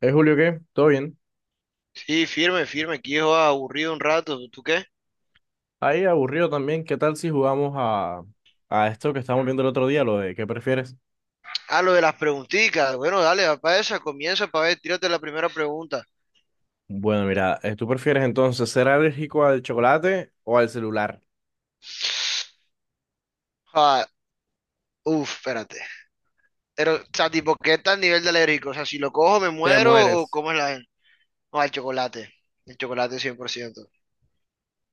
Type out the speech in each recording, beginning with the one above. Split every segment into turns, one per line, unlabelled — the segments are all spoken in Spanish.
¿Eh, Julio qué? ¿Todo bien?
Sí, firme, firme, aquí yo aburrido un rato. ¿Tú qué?
Ahí aburrido también. ¿Qué tal si jugamos a esto que estábamos viendo el otro día, lo de qué prefieres?
Ah, lo de las preguntitas. Bueno, dale, va para esa, comienza para ver, tírate la primera pregunta.
Bueno, mira, ¿tú prefieres entonces ser alérgico al chocolate o al celular?
Ah, uf, espérate. Pero, o sea, tipo, ¿qué tal nivel de alérgico? O sea, si lo cojo, ¿me
Te
muero o
mueres.
cómo es la...? No, el chocolate. El chocolate 100%.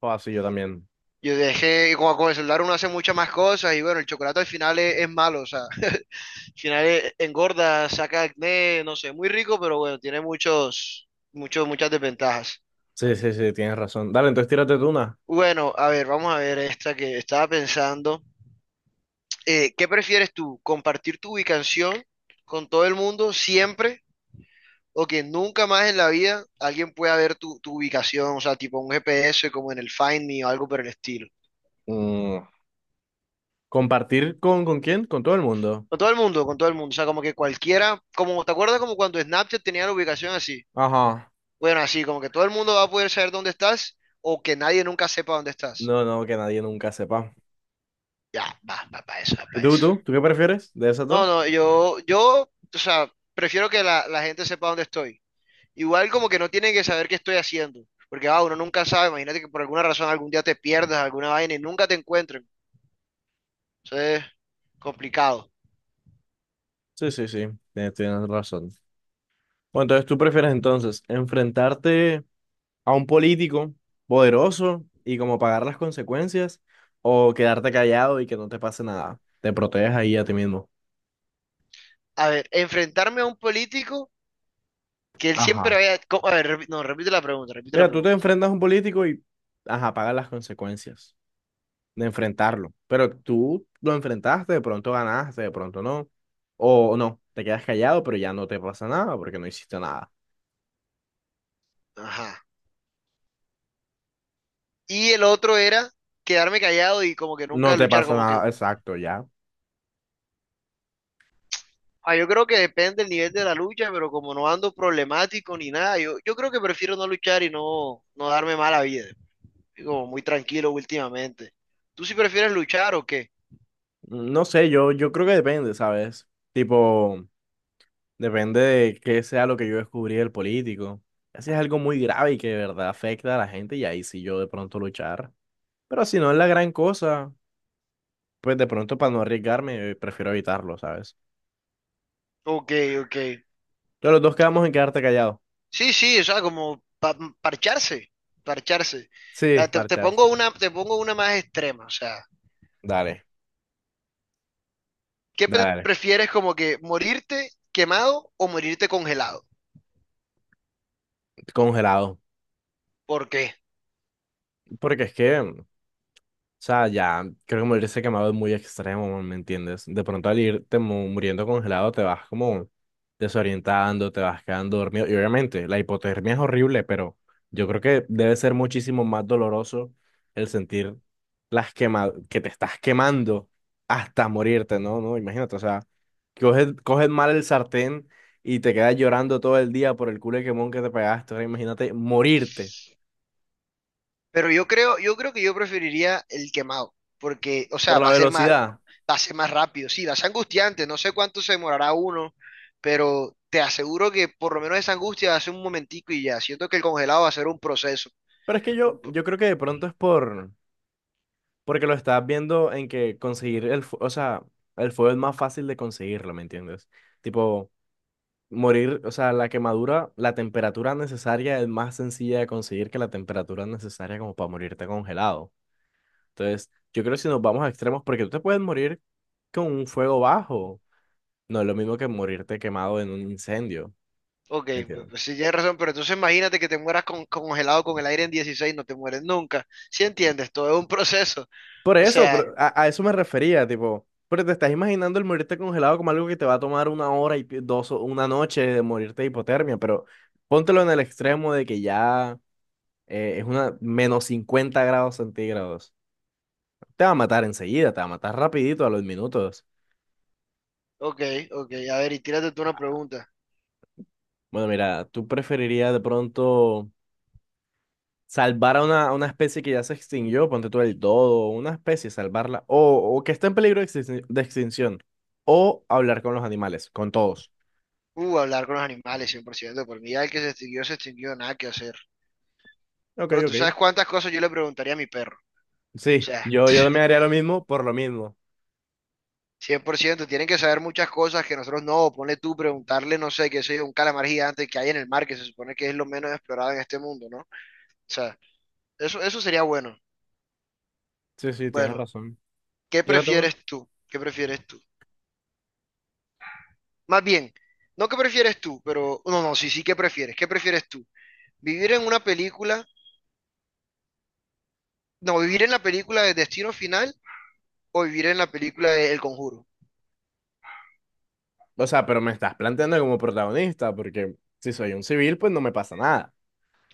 O así yo también.
Yo dejé, como con el celular uno hace muchas más cosas y bueno, el chocolate al final es malo, o sea, al final engorda, saca acné, no sé, muy rico, pero bueno, tiene muchas desventajas.
Sí, sí, sí, tienes razón. Dale, entonces tírate tú una.
Bueno, a ver, vamos a ver esta que estaba pensando. ¿Qué prefieres tú? ¿Compartir tu ubicación con todo el mundo siempre o que nunca más en la vida alguien pueda ver tu ubicación? O sea, tipo un GPS como en el Find Me o algo por el estilo.
Mm, ¿Compartir con quién? Con todo el mundo.
Con todo el mundo, con todo el mundo. O sea, como que cualquiera, como, ¿te acuerdas como cuando Snapchat tenía la ubicación así?
Ajá.
Bueno, así, como que todo el mundo va a poder saber dónde estás o que nadie nunca sepa dónde estás.
No, no, que nadie nunca sepa.
Ya, va para eso, va
¿Y
para
tú,
eso.
tú? ¿Tú qué prefieres de esas
No,
dos?
no, yo, o sea, prefiero que la gente sepa dónde estoy. Igual como que no tienen que saber qué estoy haciendo, porque uno nunca sabe, imagínate que por alguna razón algún día te pierdas alguna vaina y nunca te encuentren. Entonces, complicado.
Sí, sí, sí, tienes razón. Bueno, entonces tú prefieres entonces enfrentarte a un político poderoso y como pagar las consecuencias o quedarte callado y que no te pase nada. Te proteges ahí a ti mismo.
A ver, enfrentarme a un político que él siempre
Ajá.
a ver, no, repite la pregunta, repite la
Mira, tú te
pregunta.
enfrentas a un político y, ajá, pagas las consecuencias de enfrentarlo, pero tú lo enfrentaste, de pronto ganaste, de pronto no, o no, te quedas callado, pero ya no te pasa nada porque no hiciste nada.
Ajá. Y el otro era quedarme callado y como que
No
nunca
te
luchar,
pasa
como que...
nada, exacto, ya.
Ah, yo creo que depende del nivel de la lucha, pero como no ando problemático ni nada, yo creo que prefiero no luchar y no darme mala vida. Como muy tranquilo últimamente. ¿Tú sí prefieres luchar o qué?
No sé, yo creo que depende, ¿sabes? Tipo... Depende de qué sea lo que yo descubrí del político. Así es algo muy grave y que de verdad afecta a la gente, y ahí sí yo de pronto luchar. Pero si no es la gran cosa, pues de pronto para no arriesgarme, prefiero evitarlo, ¿sabes?
Ok, ok.
Entonces los dos quedamos en quedarte callado.
Sí, sí, o sea, como parcharse, parcharse.
Sí,
Ah, Te, te
parchar.
pongo una, te pongo una más extrema, o sea,
Dale,
¿qué pre-
dale.
prefieres como que morirte quemado o morirte congelado?
Congelado.
¿Por qué?
Porque es que, o sea, ya creo que morirse quemado es muy extremo, ¿me entiendes? De pronto al irte muriendo congelado te vas como desorientando, te vas quedando dormido. Y obviamente la hipotermia es horrible, pero yo creo que debe ser muchísimo más doloroso el sentir las quema que te estás quemando hasta morirte, ¿no? No, imagínate, o sea, coges mal el sartén y te quedas llorando todo el día por el culo de quemón que te pegaste. Ahora imagínate morirte
Pero yo creo que yo preferiría el quemado, porque, o
por
sea,
la velocidad.
va a ser más rápido. Sí, va a ser angustiante, no sé cuánto se demorará uno, pero te aseguro que por lo menos esa angustia va a ser un momentico y ya. Siento que el congelado va a ser un proceso.
Pero es que
Un
yo,
pro-
yo creo que de pronto es por... Porque lo estás viendo en que conseguir o sea, el fuego es más fácil de conseguirlo, ¿me entiendes? Tipo, morir, o sea, la quemadura, la temperatura necesaria es más sencilla de conseguir que la temperatura necesaria como para morirte congelado. Entonces, yo creo que si nos vamos a extremos, porque tú te puedes morir con un fuego bajo, no es lo mismo que morirte quemado en un incendio,
ok,
¿me entiendes?
pues sí tienes razón, pero entonces imagínate que te mueras congelado con el aire en 16 no te mueres nunca. ¿Sí entiendes? Todo es un proceso.
Por
O
eso,
sea,
pero a eso me refería, tipo, pero te estás imaginando el morirte congelado como algo que te va a tomar una hora y dos, o una noche de morirte de hipotermia, pero póntelo en el extremo de que ya es una -50 grados centígrados. Te va a matar enseguida, te va a matar rapidito a los minutos.
ok, ok, a ver, y tírate tú una pregunta.
Bueno, mira, tú preferirías de pronto salvar a a una especie que ya se extinguió, ponte tú el dodo, una especie, salvarla, o que está en peligro de extin- de extinción, o hablar con los animales, con todos.
Hablar con los animales, 100%. Por ciento. Por mí ya el que se extinguió, nada que hacer.
Ok,
Bro, tú
ok.
sabes cuántas cosas yo le preguntaría a mi perro. O
Sí,
sea,
yo también haría lo mismo por lo mismo.
100%, tienen que saber muchas cosas que nosotros no. Ponle tú, preguntarle, no sé, qué sé yo, un calamar gigante que hay en el mar, que se supone que es lo menos explorado en este mundo, ¿no? O sea, eso sería bueno.
Sí, sí, tienes
Bueno,
razón.
¿qué
Fíjate, man.
prefieres tú? ¿Qué prefieres tú? Más bien, no qué prefieres tú, pero... No, no, sí, sí, ¿qué prefieres? ¿Qué prefieres tú? ¿Vivir en una película? No, vivir en la película de Destino Final o vivir en la película de El Conjuro.
O sea, pero me estás planteando como protagonista, porque si soy un civil, pues no me pasa nada.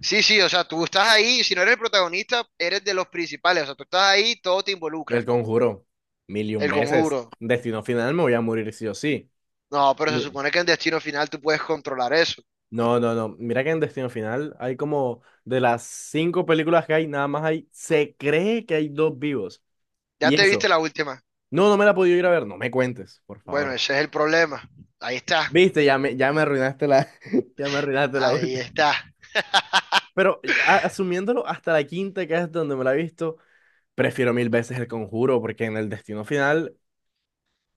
Sí, sí, o sea, tú estás ahí, si no eres el protagonista, eres de los principales, o sea, tú estás ahí, todo te
El
involucra,
Conjuro, mil y un
El
veces.
Conjuro.
Destino Final me voy a morir sí o sí.
No, pero se
Mi-
supone que en Destino Final tú puedes controlar eso.
No, no, no. Mira que en Destino Final hay como de las cinco películas que hay, nada más hay, se cree que hay dos vivos.
Ya
Y
te viste
eso.
la última.
No, no me la he podido ir a ver. No me cuentes, por
Bueno,
favor.
ese es el problema. Ahí está,
Viste, ya me arruinaste la, ya me arruinaste la
ahí
última.
está.
Pero asumiéndolo hasta la quinta, que es donde me la he visto, prefiero mil veces El Conjuro, porque en el Destino Final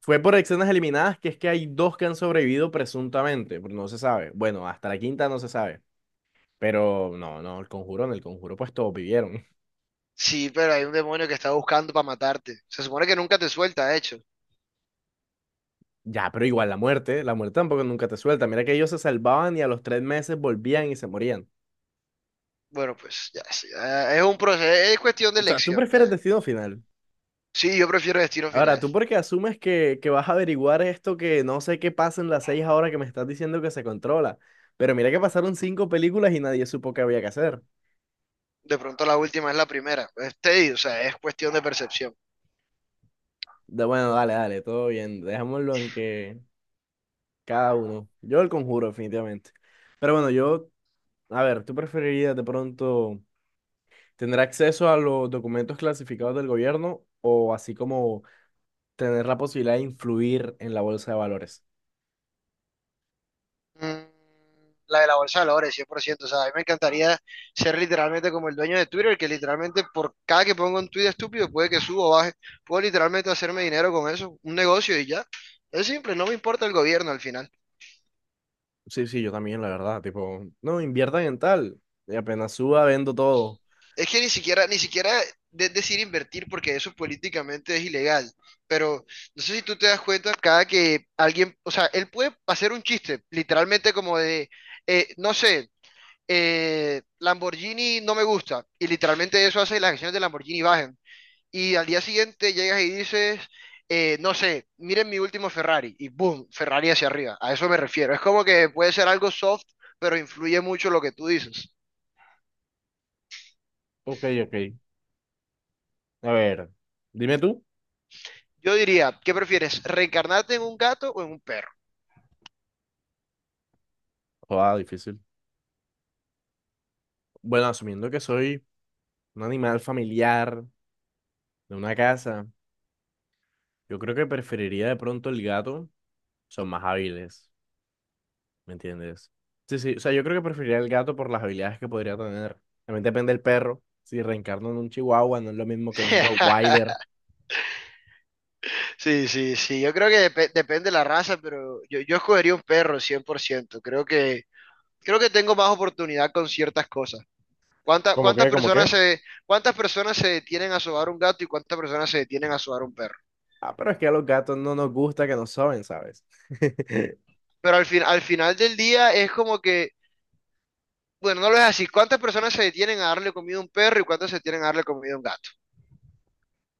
fue por escenas eliminadas, que es que hay dos que han sobrevivido presuntamente, pero no se sabe. Bueno, hasta la quinta no se sabe. Pero no, no, El Conjuro, en El Conjuro pues todos vivieron.
Sí, pero hay un demonio que está buscando para matarte. Se supone que nunca te suelta, de hecho.
Ya, pero igual la muerte tampoco nunca te suelta. Mira que ellos se salvaban y a los 3 meses volvían y se morían.
Bueno, pues ya, sí, ya, es un proceso, es cuestión de
O sea, ¿tú
elección,
prefieres
ya.
Destino Final?
Sí, yo prefiero Destino
Ahora,
Final.
¿tú por qué asumes que vas a averiguar esto que no sé qué pasa en las seis ahora que me estás diciendo que se controla? Pero mira que pasaron cinco películas y nadie supo qué había que hacer.
De pronto la última es la primera. Es tedioso, o sea, es cuestión de percepción.
Bueno, dale, dale, todo bien. Dejémoslo en que cada uno. Yo el Conjuro, definitivamente. Pero bueno, yo, a ver, ¿tú preferirías de pronto tener acceso a los documentos clasificados del gobierno o así como tener la posibilidad de influir en la bolsa de valores?
Mm, La de la bolsa de valores, 100%. O sea, a mí me encantaría ser literalmente como el dueño de Twitter, que literalmente por cada que pongo un tweet estúpido, puede que suba o baje. Puedo literalmente hacerme dinero con eso, un negocio y ya. Es simple, no me importa el gobierno al final.
Sí, sí, yo también, la verdad. Tipo, no, inviertan en tal. Y apenas suba, vendo todo.
Es que ni siquiera decir invertir porque eso políticamente es ilegal. Pero no sé si tú te das cuenta, cada que alguien, o sea, él puede hacer un chiste, literalmente como de, no sé, Lamborghini no me gusta. Y literalmente eso hace que las acciones de Lamborghini bajen. Y al día siguiente llegas y dices, no sé, miren mi último Ferrari. Y boom, Ferrari hacia arriba. A eso me refiero. Es como que puede ser algo soft, pero influye mucho lo que tú dices.
Ok, ok. A ver, dime tú.
Yo diría, ¿qué prefieres? ¿Reencarnarte en un gato o en un perro?
Joder, difícil. Bueno, asumiendo que soy un animal familiar de una casa, yo creo que preferiría de pronto el gato. Son más hábiles, ¿me entiendes? Sí, sí, o sea, yo creo que preferiría el gato por las habilidades que podría tener. También depende del perro. Si reencarno en un chihuahua, no es lo mismo que en un Rottweiler.
Sí, sí, sí. Yo creo que depende de la raza, pero yo escogería un perro 100%. Creo que tengo más oportunidad con ciertas cosas. ¿Cuánta-
¿Cómo
cuántas
qué? ¿Cómo
personas
qué?
se, cuántas personas se detienen a sobar un gato y cuántas personas se detienen a sobar un perro?
Ah, pero es que a los gatos no nos gusta que nos soben, ¿sabes?
Pero al final del día es como que, bueno, no lo es así. ¿Cuántas personas se detienen a darle comida a un perro y cuántas se detienen a darle comida a un gato?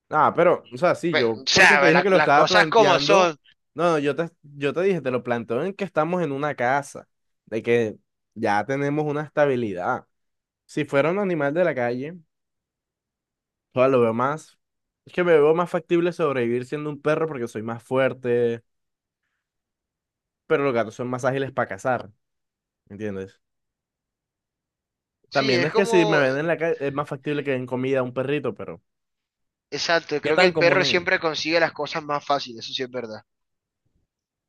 Ah, pero, o sea, sí, yo,
O
porque
sea,
te
ve,
dije que lo
las
estaba
cosas como
planteando,
son.
no, no, yo te dije, te lo planteo en que estamos en una casa, de que ya tenemos una estabilidad. Si fuera un animal de la calle, o sea, lo veo más, es que me veo más factible sobrevivir siendo un perro porque soy más fuerte, pero los gatos son más ágiles para cazar, ¿me entiendes?
Sí,
También
es
es que si me
como,
ven en la calle, es más factible que den comida a un perrito, pero
exacto,
¿qué
creo que
tan
el
común
perro
es?
siempre consigue las cosas más fáciles, eso sí es verdad.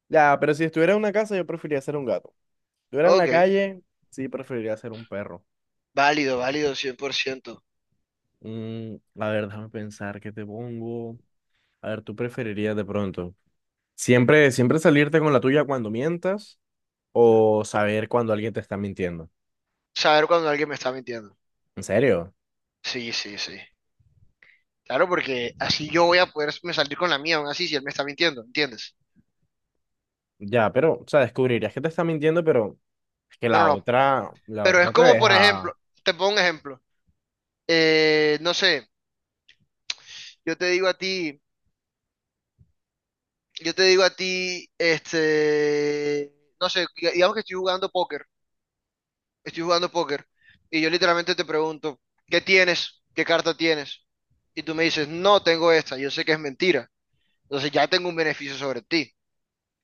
Ya, pero si estuviera en una casa, yo preferiría ser un gato. Si estuviera en la
Ok,
calle, sí preferiría ser un perro.
válido, válido, 100%.
A ver, déjame pensar qué te pongo. A ver, ¿tú preferirías de pronto siempre, siempre salirte con la tuya cuando mientas o saber cuando alguien te está mintiendo?
Saber cuando alguien me está mintiendo.
¿En serio?
Sí, sí, sí. Claro, porque así yo voy a poder me salir con la mía, aún así, si él me está mintiendo, ¿entiendes?
Ya, pero, o sea, descubrirías que te está mintiendo, pero es que
No, no, no.
la
Pero es
otra te
como, por
deja.
ejemplo, te pongo un ejemplo. No sé, yo te digo a ti, yo te digo a ti, no sé, digamos que estoy jugando póker, y yo literalmente te pregunto, ¿qué tienes? ¿Qué carta tienes? Y tú me dices, no tengo esta, yo sé que es mentira. Entonces ya tengo un beneficio sobre ti.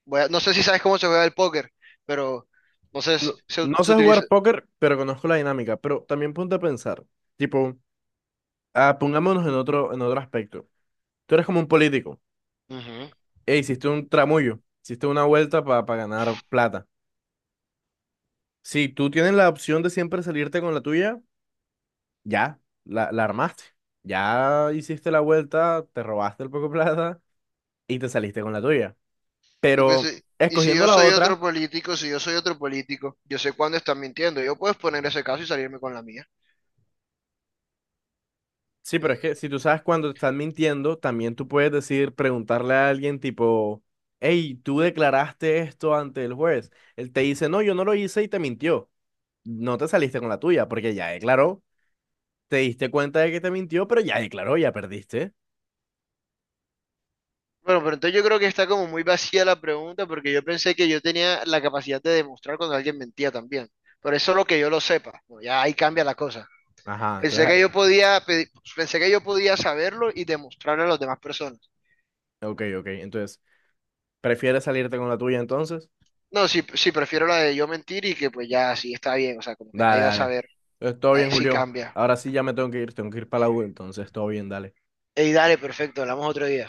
No sé si sabes cómo se juega el póker, pero no sé,
No,
se,
no
se
sé
utiliza.
jugar póker, pero conozco la dinámica. Pero también ponte a pensar, tipo, pongámonos en en otro aspecto. Tú eres como un político. E hiciste un tramullo, hiciste una vuelta para ganar plata. Si tú tienes la opción de siempre salirte con la tuya, ya, la armaste. Ya hiciste la vuelta, te robaste el poco plata y te saliste con la tuya.
Y, pues,
Pero
y si yo
escogiendo la
soy otro
otra,
político, si yo soy otro político, yo sé cuándo están mintiendo. Yo puedo exponer ese caso y salirme con la mía.
sí, pero es
Mm,
que si tú sabes cuando te están mintiendo, también tú puedes decir, preguntarle a alguien tipo, hey, tú declaraste esto ante el juez. Él te dice, no, yo no lo hice y te mintió. No te saliste con la tuya porque ya declaró, te diste cuenta de que te mintió, pero ya declaró, ya perdiste.
Bueno, pero entonces yo creo que está como muy vacía la pregunta porque yo pensé que yo tenía la capacidad de demostrar cuando alguien mentía también. Por eso lo que yo lo sepa, bueno, ya ahí cambia la cosa.
Ajá,
Pensé que yo
entonces,
podía pedir- pensé que yo podía saberlo y demostrarlo a las demás personas.
ok, ok, entonces... ¿Prefieres salirte con la tuya entonces?
No, sí, sí, prefiero la de yo mentir y que pues ya sí está bien, o sea, como que
Dale,
nadie va a
dale.
saber.
Pues, todo
Ahí
bien,
sí
Julio.
cambia.
Ahora sí ya me tengo que ir para la U, entonces todo bien, dale.
Ey, dale, perfecto, hablamos otro día.